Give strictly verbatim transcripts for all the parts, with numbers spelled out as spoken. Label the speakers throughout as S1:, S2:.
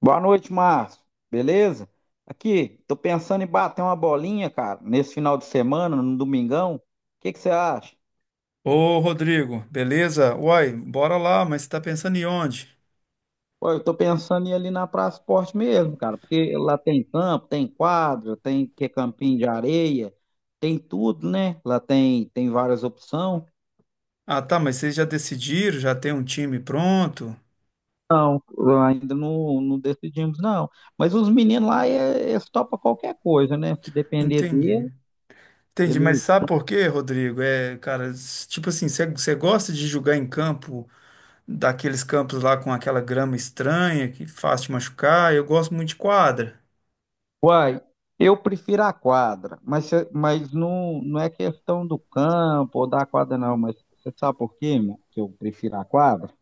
S1: Boa noite, Márcio. Beleza? Aqui, tô pensando em bater uma bolinha, cara, nesse final de semana, no domingão. O que que você acha?
S2: Ô, Rodrigo, beleza? Uai, bora lá, mas você tá pensando em onde?
S1: Pô, eu tô pensando em ir ali na Praça Esporte mesmo, cara, porque lá tem campo, tem quadra, tem que é campinho de areia, tem tudo, né? Lá tem tem várias opções.
S2: Ah, tá, mas vocês já decidiram, já tem um time pronto?
S1: Lá ainda não, não decidimos, não. Mas os meninos lá, eh, eles topam qualquer coisa, né? Se depender
S2: Entendi.
S1: dele,
S2: Entendi, mas
S1: eles...
S2: sabe por quê, Rodrigo? É, cara, s- tipo assim, você você gosta de jogar em campo, daqueles campos lá com aquela grama estranha, que faz te machucar? Eu gosto muito de quadra.
S1: Uai, eu prefiro a quadra, mas, cê- mas não, não é questão do campo ou da quadra, não. Mas você sabe por quê, meu, que eu prefiro a quadra?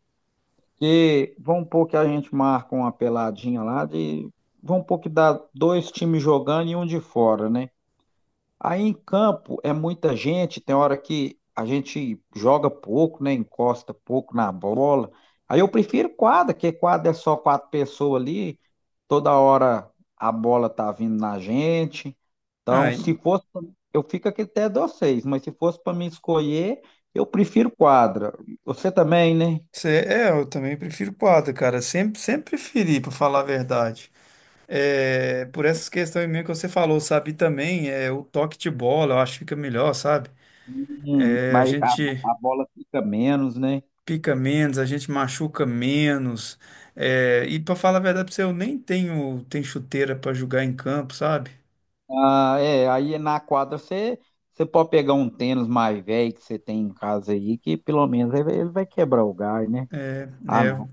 S1: Porque vamos supor que a gente marca uma peladinha lá de... Vamos supor que dá dois times jogando e um de fora, né? Aí em campo é muita gente, tem hora que a gente joga pouco, né? Encosta pouco na bola. Aí eu prefiro quadra, porque quadra é só quatro pessoas ali, toda hora a bola tá vindo na gente.
S2: Ah,
S1: Então,
S2: e-
S1: se fosse, pra- eu fico aqui até de vocês, mas se fosse para me escolher, eu prefiro quadra. Você também, né?
S2: cê- é, eu também prefiro quadra, cara. Sempre, sempre preferi, pra falar a verdade. É, por essas questões mesmo que você falou, sabe? E também é, o toque de bola, eu acho que fica melhor, sabe?
S1: Hum,
S2: É, a
S1: mas a,
S2: gente
S1: a bola fica menos, né?
S2: pica menos, a gente machuca menos. É, e pra falar a verdade pra você, eu nem tenho, tenho chuteira pra jogar em campo, sabe?
S1: Ah, é, aí na quadra você, você pode pegar um tênis mais velho que você tem em casa aí, que pelo menos ele ele vai quebrar o gás, né? Ah,
S2: É,
S1: não.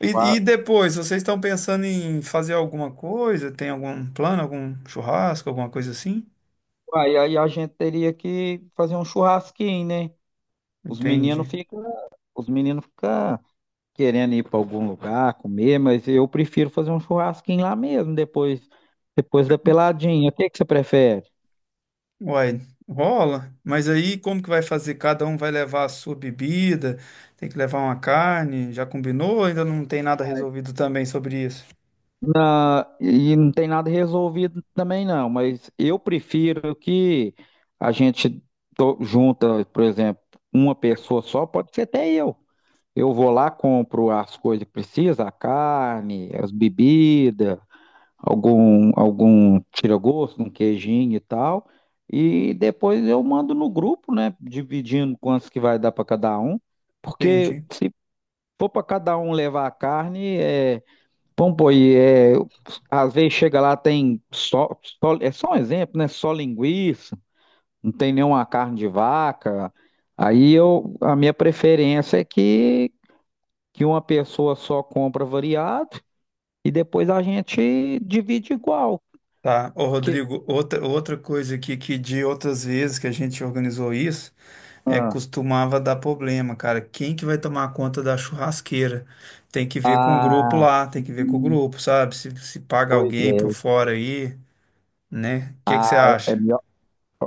S2: e, e
S1: qua-
S2: depois, vocês estão pensando em fazer alguma coisa? Tem algum plano, algum churrasco, alguma coisa assim?
S1: Aí, aí a gente teria que fazer um churrasquinho, né? Os meninos
S2: Entende?
S1: ficam, os meninos ficam querendo ir para algum lugar comer, mas eu prefiro fazer um churrasquinho lá mesmo, depois, depois da peladinha. O que que você prefere?
S2: Uai, rola, mas aí como que vai fazer? Cada um vai levar a sua bebida, tem que levar uma carne, já combinou? Ainda não tem nada resolvido também sobre isso.
S1: Na, e não tem nada resolvido também não, mas eu prefiro que a gente to- junta, por exemplo, uma pessoa só, pode ser até eu. Eu vou lá, compro as coisas que precisa, a carne, as bebidas, algum algum tira-gosto, um queijinho e tal, e depois eu mando no grupo, né, dividindo quantos que vai dar para cada um, porque
S2: Entendi.
S1: se for para cada um levar a carne, é... Bom, pô, e é, eu- às vezes chega lá, tem só, só- é só um exemplo, né? Só linguiça, não tem nenhuma carne de vaca. Aí eu, a minha preferência é que, que uma pessoa só compra variado e depois a gente divide igual.
S2: Tá, ô
S1: Que,
S2: Rodrigo, outra, outra coisa aqui que de outras vezes que a gente organizou isso, é costumava dar problema, cara. Quem que vai tomar conta da churrasqueira? Tem que ver com o grupo lá, tem que ver com o grupo, sabe? Se, se paga
S1: pois
S2: alguém por
S1: é,
S2: fora aí, né? O que que você
S1: é
S2: acha?
S1: melhor,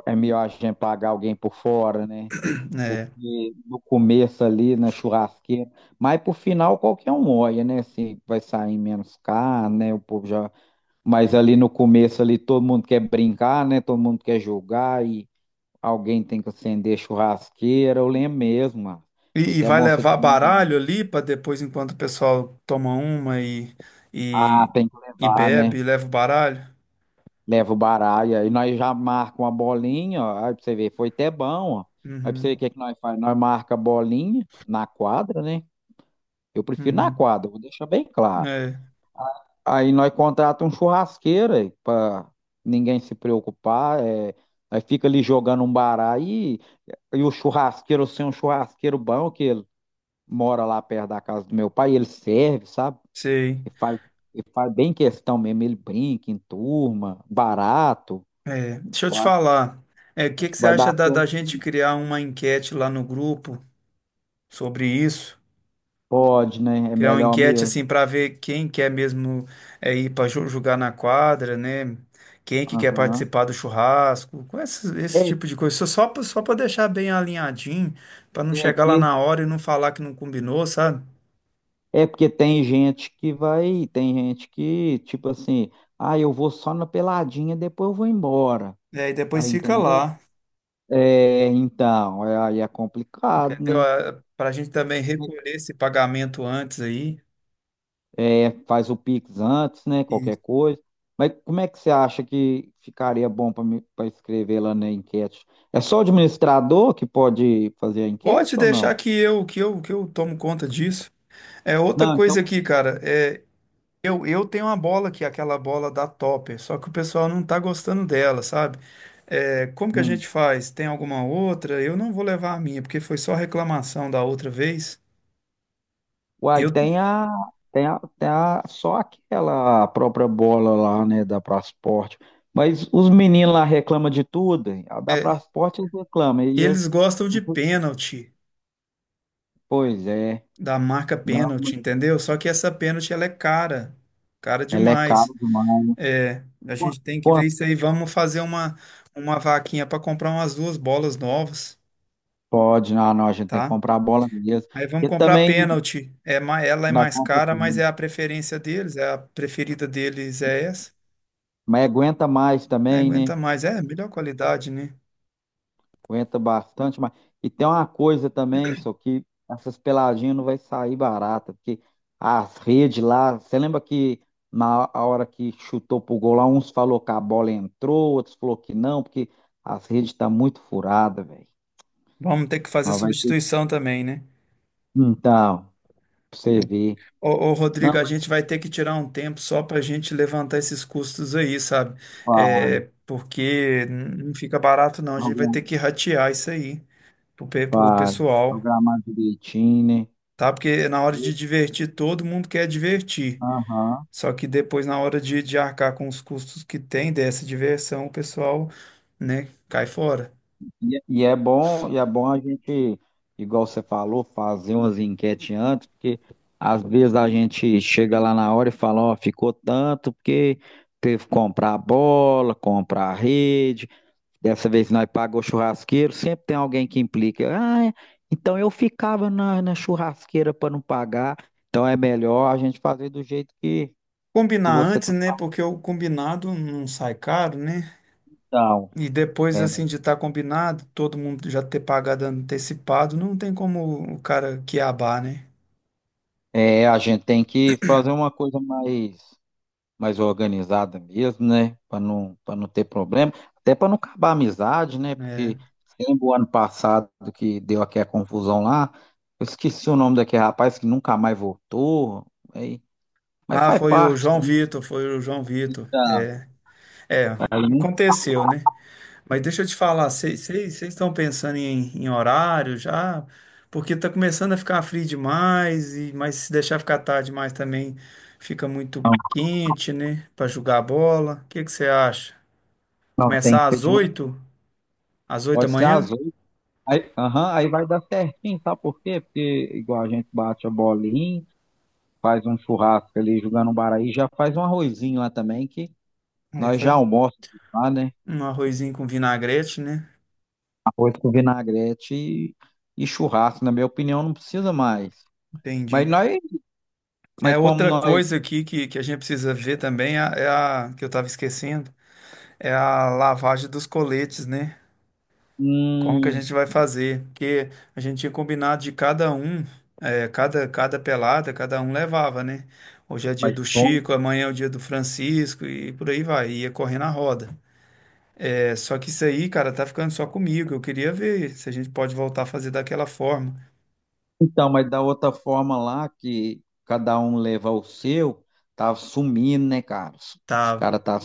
S1: é melhor a gente pagar alguém por fora, né?
S2: É.
S1: Porque no começo ali, na churrasqueira, mas pro final qualquer um olha, né? Se vai sair menos carne, né? O povo já... Mas ali no começo ali todo mundo quer brincar, né? Todo mundo quer jogar e alguém tem que acender churrasqueira. Eu lembro mesmo, mano. Foi
S2: E, e
S1: até
S2: vai
S1: bom você ter
S2: levar
S1: lembrado.
S2: baralho ali para depois, enquanto o pessoal toma uma e,
S1: Ah,
S2: e,
S1: tem que
S2: e
S1: levar,
S2: bebe,
S1: né?
S2: e leva o baralho?
S1: Leva o baralho. Aí nós já marcamos uma bolinha, ó. Aí pra você ver, foi até bom, ó. Aí pra você
S2: Uhum,
S1: ver o que é que nós faz. Nós marca a bolinha na quadra, né? Eu prefiro na
S2: uhum.
S1: quadra, vou deixar bem claro.
S2: É,
S1: Aí nós contratamos um churrasqueiro aí, pra ninguém se preocupar. É... Nós fica ali jogando um baralho e... E o churrasqueiro, assim, um churrasqueiro bom, que ele mora lá perto da casa do meu pai, ele serve, sabe?
S2: sei.
S1: Ele faz, ele faz bem questão mesmo, ele brinca em turma, barato.
S2: É, deixa eu te
S1: Eu...
S2: falar. É, o que
S1: Acho
S2: que
S1: que
S2: você
S1: vai
S2: acha
S1: dar
S2: da,
S1: certo.
S2: da gente criar uma enquete lá no grupo sobre isso?
S1: Pode, né? É
S2: Criar uma
S1: melhor
S2: enquete
S1: mesmo.
S2: assim para ver quem quer mesmo é, ir para jogar na quadra, né? Quem é que quer
S1: Aham.
S2: participar do churrasco, com esse, esse
S1: É,
S2: tipo de coisa. Só, só pra- só para deixar bem alinhadinho, para não
S1: é,
S2: chegar lá
S1: porque-
S2: na hora e não falar que não combinou, sabe?
S1: é porque tem gente que vai, tem gente que, tipo assim, ah, eu vou só na peladinha, depois eu vou embora.
S2: E aí depois
S1: Aí,
S2: fica
S1: entendeu?
S2: lá,
S1: É, então, é- aí é complicado,
S2: entendeu?
S1: né?
S2: Para a gente também recolher esse pagamento antes aí.
S1: É, faz o Pix antes, né?
S2: E
S1: Qualquer coisa. Mas como é que você acha que ficaria bom para escrever lá na enquete? É só o administrador que pode fazer a enquete
S2: pode
S1: ou
S2: deixar
S1: não?
S2: que eu que eu que eu tomo conta disso. É outra
S1: Não, então.
S2: coisa aqui, cara. É, Eu, eu tenho uma bola que é aquela bola da Topper, só que o pessoal não tá gostando dela, sabe? É, como que a
S1: Hum.
S2: gente faz? Tem alguma outra? Eu não vou levar a minha, porque foi só reclamação da outra vez.
S1: Uai,
S2: Eu,
S1: tem a, tem a, tem a, só aquela própria bola lá, né, da Prasport. Mas os meninos lá reclamam de tudo, hein? A da
S2: é,
S1: Prasport eles reclamam. E
S2: eles
S1: eles,
S2: gostam de pênalti,
S1: pois é.
S2: da marca
S1: Não,
S2: pênalti, entendeu? Só que essa pênalti ela é cara, cara
S1: ela é cara
S2: demais.
S1: demais.
S2: É, a gente tem que
S1: Com...
S2: ver isso aí. Vamos fazer uma, uma vaquinha para comprar umas duas bolas novas,
S1: Pode, não, não, a gente tem que
S2: tá?
S1: comprar a bola mesmo.
S2: Aí vamos
S1: Porque
S2: comprar
S1: também
S2: pênalti. É, ma- ela é
S1: na
S2: mais
S1: compra,
S2: cara,
S1: tudo,
S2: mas
S1: né?
S2: é a preferência deles, é a preferida deles é essa.
S1: Mas aguenta mais
S2: Aí
S1: também,
S2: aguenta
S1: né?
S2: mais, é melhor qualidade, né?
S1: Aguenta bastante mais. E tem uma coisa também, só que essas peladinhas não vai sair barata, porque as redes lá, você lembra que na a hora que chutou pro gol lá, uns falou que a bola entrou, outros falou que não, porque as redes tá muito furada, velho.
S2: Vamos ter que fazer
S1: Nós vai ter.
S2: substituição também, né?
S1: Então, pra você ver.
S2: Ô, ô, Rodrigo,
S1: Não,
S2: a
S1: mas
S2: gente vai ter que tirar um tempo só para a gente levantar esses custos aí, sabe?
S1: faz,
S2: É, porque não fica barato, não. A gente vai
S1: progra-
S2: ter que ratear isso aí pro, pe- pro
S1: faz,
S2: pessoal,
S1: programar direitinho,
S2: tá? Porque na hora
S1: né?
S2: de divertir, todo mundo quer divertir.
S1: Aham.
S2: Só que depois, na hora de, de arcar com os custos que tem dessa diversão, o pessoal, né, cai fora.
S1: E, e é bom, e é bom a gente, igual você falou, fazer umas enquetes antes, porque às vezes a gente chega lá na hora e fala, ó, ficou tanto, porque teve que comprar a bola, comprar a rede, dessa vez nós pagou churrasqueiro, sempre tem alguém que implica, ah, então eu ficava na, na churrasqueira para não pagar, então é melhor a gente fazer do jeito que, que
S2: Combinar
S1: você
S2: antes,
S1: tá.
S2: né, porque o combinado não sai caro, né?
S1: Então,
S2: E depois,
S1: é,
S2: assim, de estar combinado, todo mundo já ter pagado antecipado, não tem como o cara quiabar, né?
S1: é, a gente tem que fazer uma coisa mais... mais organizada mesmo, né? Para não, para não ter problema, até para não acabar a amizade, né? Porque
S2: É.
S1: lembro o ano passado que deu aquela confusão lá, eu esqueci o nome daquele rapaz que nunca mais voltou, aí, mas
S2: Ah,
S1: faz
S2: foi o
S1: parte,
S2: João
S1: né?
S2: Vitor, foi o João Vitor.
S1: da-
S2: É, é,
S1: Aí
S2: aconteceu, né? Mas deixa eu te falar, vocês estão pensando em, em horário já? Porque tá começando a ficar frio demais, e, mas se deixar ficar tarde demais também fica muito
S1: não,
S2: quente, né? Para jogar a bola. O que que você acha?
S1: não tem que
S2: Começar
S1: ser
S2: às
S1: de uma,
S2: oito. Às oito da
S1: pode ser
S2: manhã?
S1: azul, aí, aham, aí vai dar certinho, sabe por quê? Porque igual a gente bate a bolinha, faz um churrasco ali jogando um baraí, já faz um arrozinho lá também que
S2: É,
S1: nós já
S2: faz
S1: almoçamos lá, né?
S2: um arrozinho com vinagrete, né?
S1: Arroz com vinagrete e, e churrasco, na minha opinião, não precisa mais. Mas
S2: Entendi.
S1: nós,
S2: É
S1: mas como
S2: outra
S1: nós,
S2: coisa aqui que, que a gente precisa ver também, é a, é a- que eu tava esquecendo, é a lavagem dos coletes, né? Como que a
S1: hum,
S2: gente vai fazer? Porque a gente tinha combinado de cada um, eh, cada, cada pelada, cada um levava, né? Hoje é dia
S1: mas
S2: do
S1: como-
S2: Chico, amanhã é o dia do Francisco e por aí vai, ia correndo a roda. É, só que isso aí, cara, tá ficando só comigo. Eu queria ver se a gente pode voltar a fazer daquela forma.
S1: então, mas da outra forma lá que cada um leva o seu, tá sumindo, né, cara? Os, os
S2: Tava,
S1: caras tá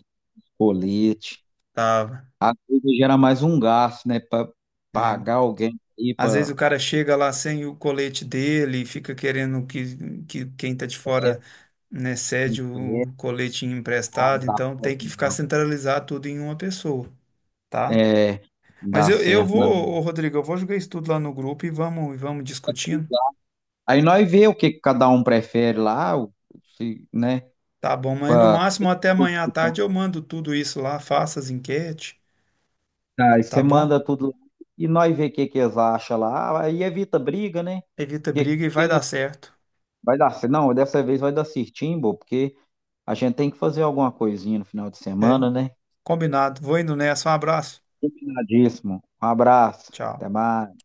S1: colete.
S2: tava.
S1: Às vezes gera mais um gasto, né, para pagar alguém aí
S2: Às vezes
S1: para
S2: o cara chega lá sem o colete dele e fica querendo que, que quem tá de fora, né, cede o
S1: empresa,
S2: colete
S1: ah, não
S2: emprestado,
S1: dá
S2: então tem
S1: certo
S2: que ficar
S1: não.
S2: centralizado tudo em uma pessoa, tá?
S1: É, não
S2: Mas
S1: dá
S2: eu, eu
S1: certo
S2: vou,
S1: não.
S2: ô, Rodrigo, eu vou jogar isso tudo lá no grupo e vamos, e vamos discutindo,
S1: Aí nós vê o que que cada um prefere lá, o- se, né?
S2: tá bom? Mas no máximo até
S1: Pro
S2: amanhã à tarde
S1: hospital.
S2: eu mando tudo isso lá, faça as enquetes,
S1: Aí
S2: tá
S1: você
S2: bom?
S1: manda tudo lá e nós vê o que que eles acham lá. Ah, aí evita briga, né?
S2: Evita
S1: Porque
S2: briga e vai
S1: quem não-
S2: dar certo,
S1: vai dar, cer- não, dessa vez vai dar certinho, bo, porque a gente tem que fazer alguma coisinha no final de
S2: é?
S1: semana, né?
S2: Combinado. Vou indo nessa, um abraço.
S1: Combinadíssimo. Um abraço.
S2: Tchau.
S1: Até mais.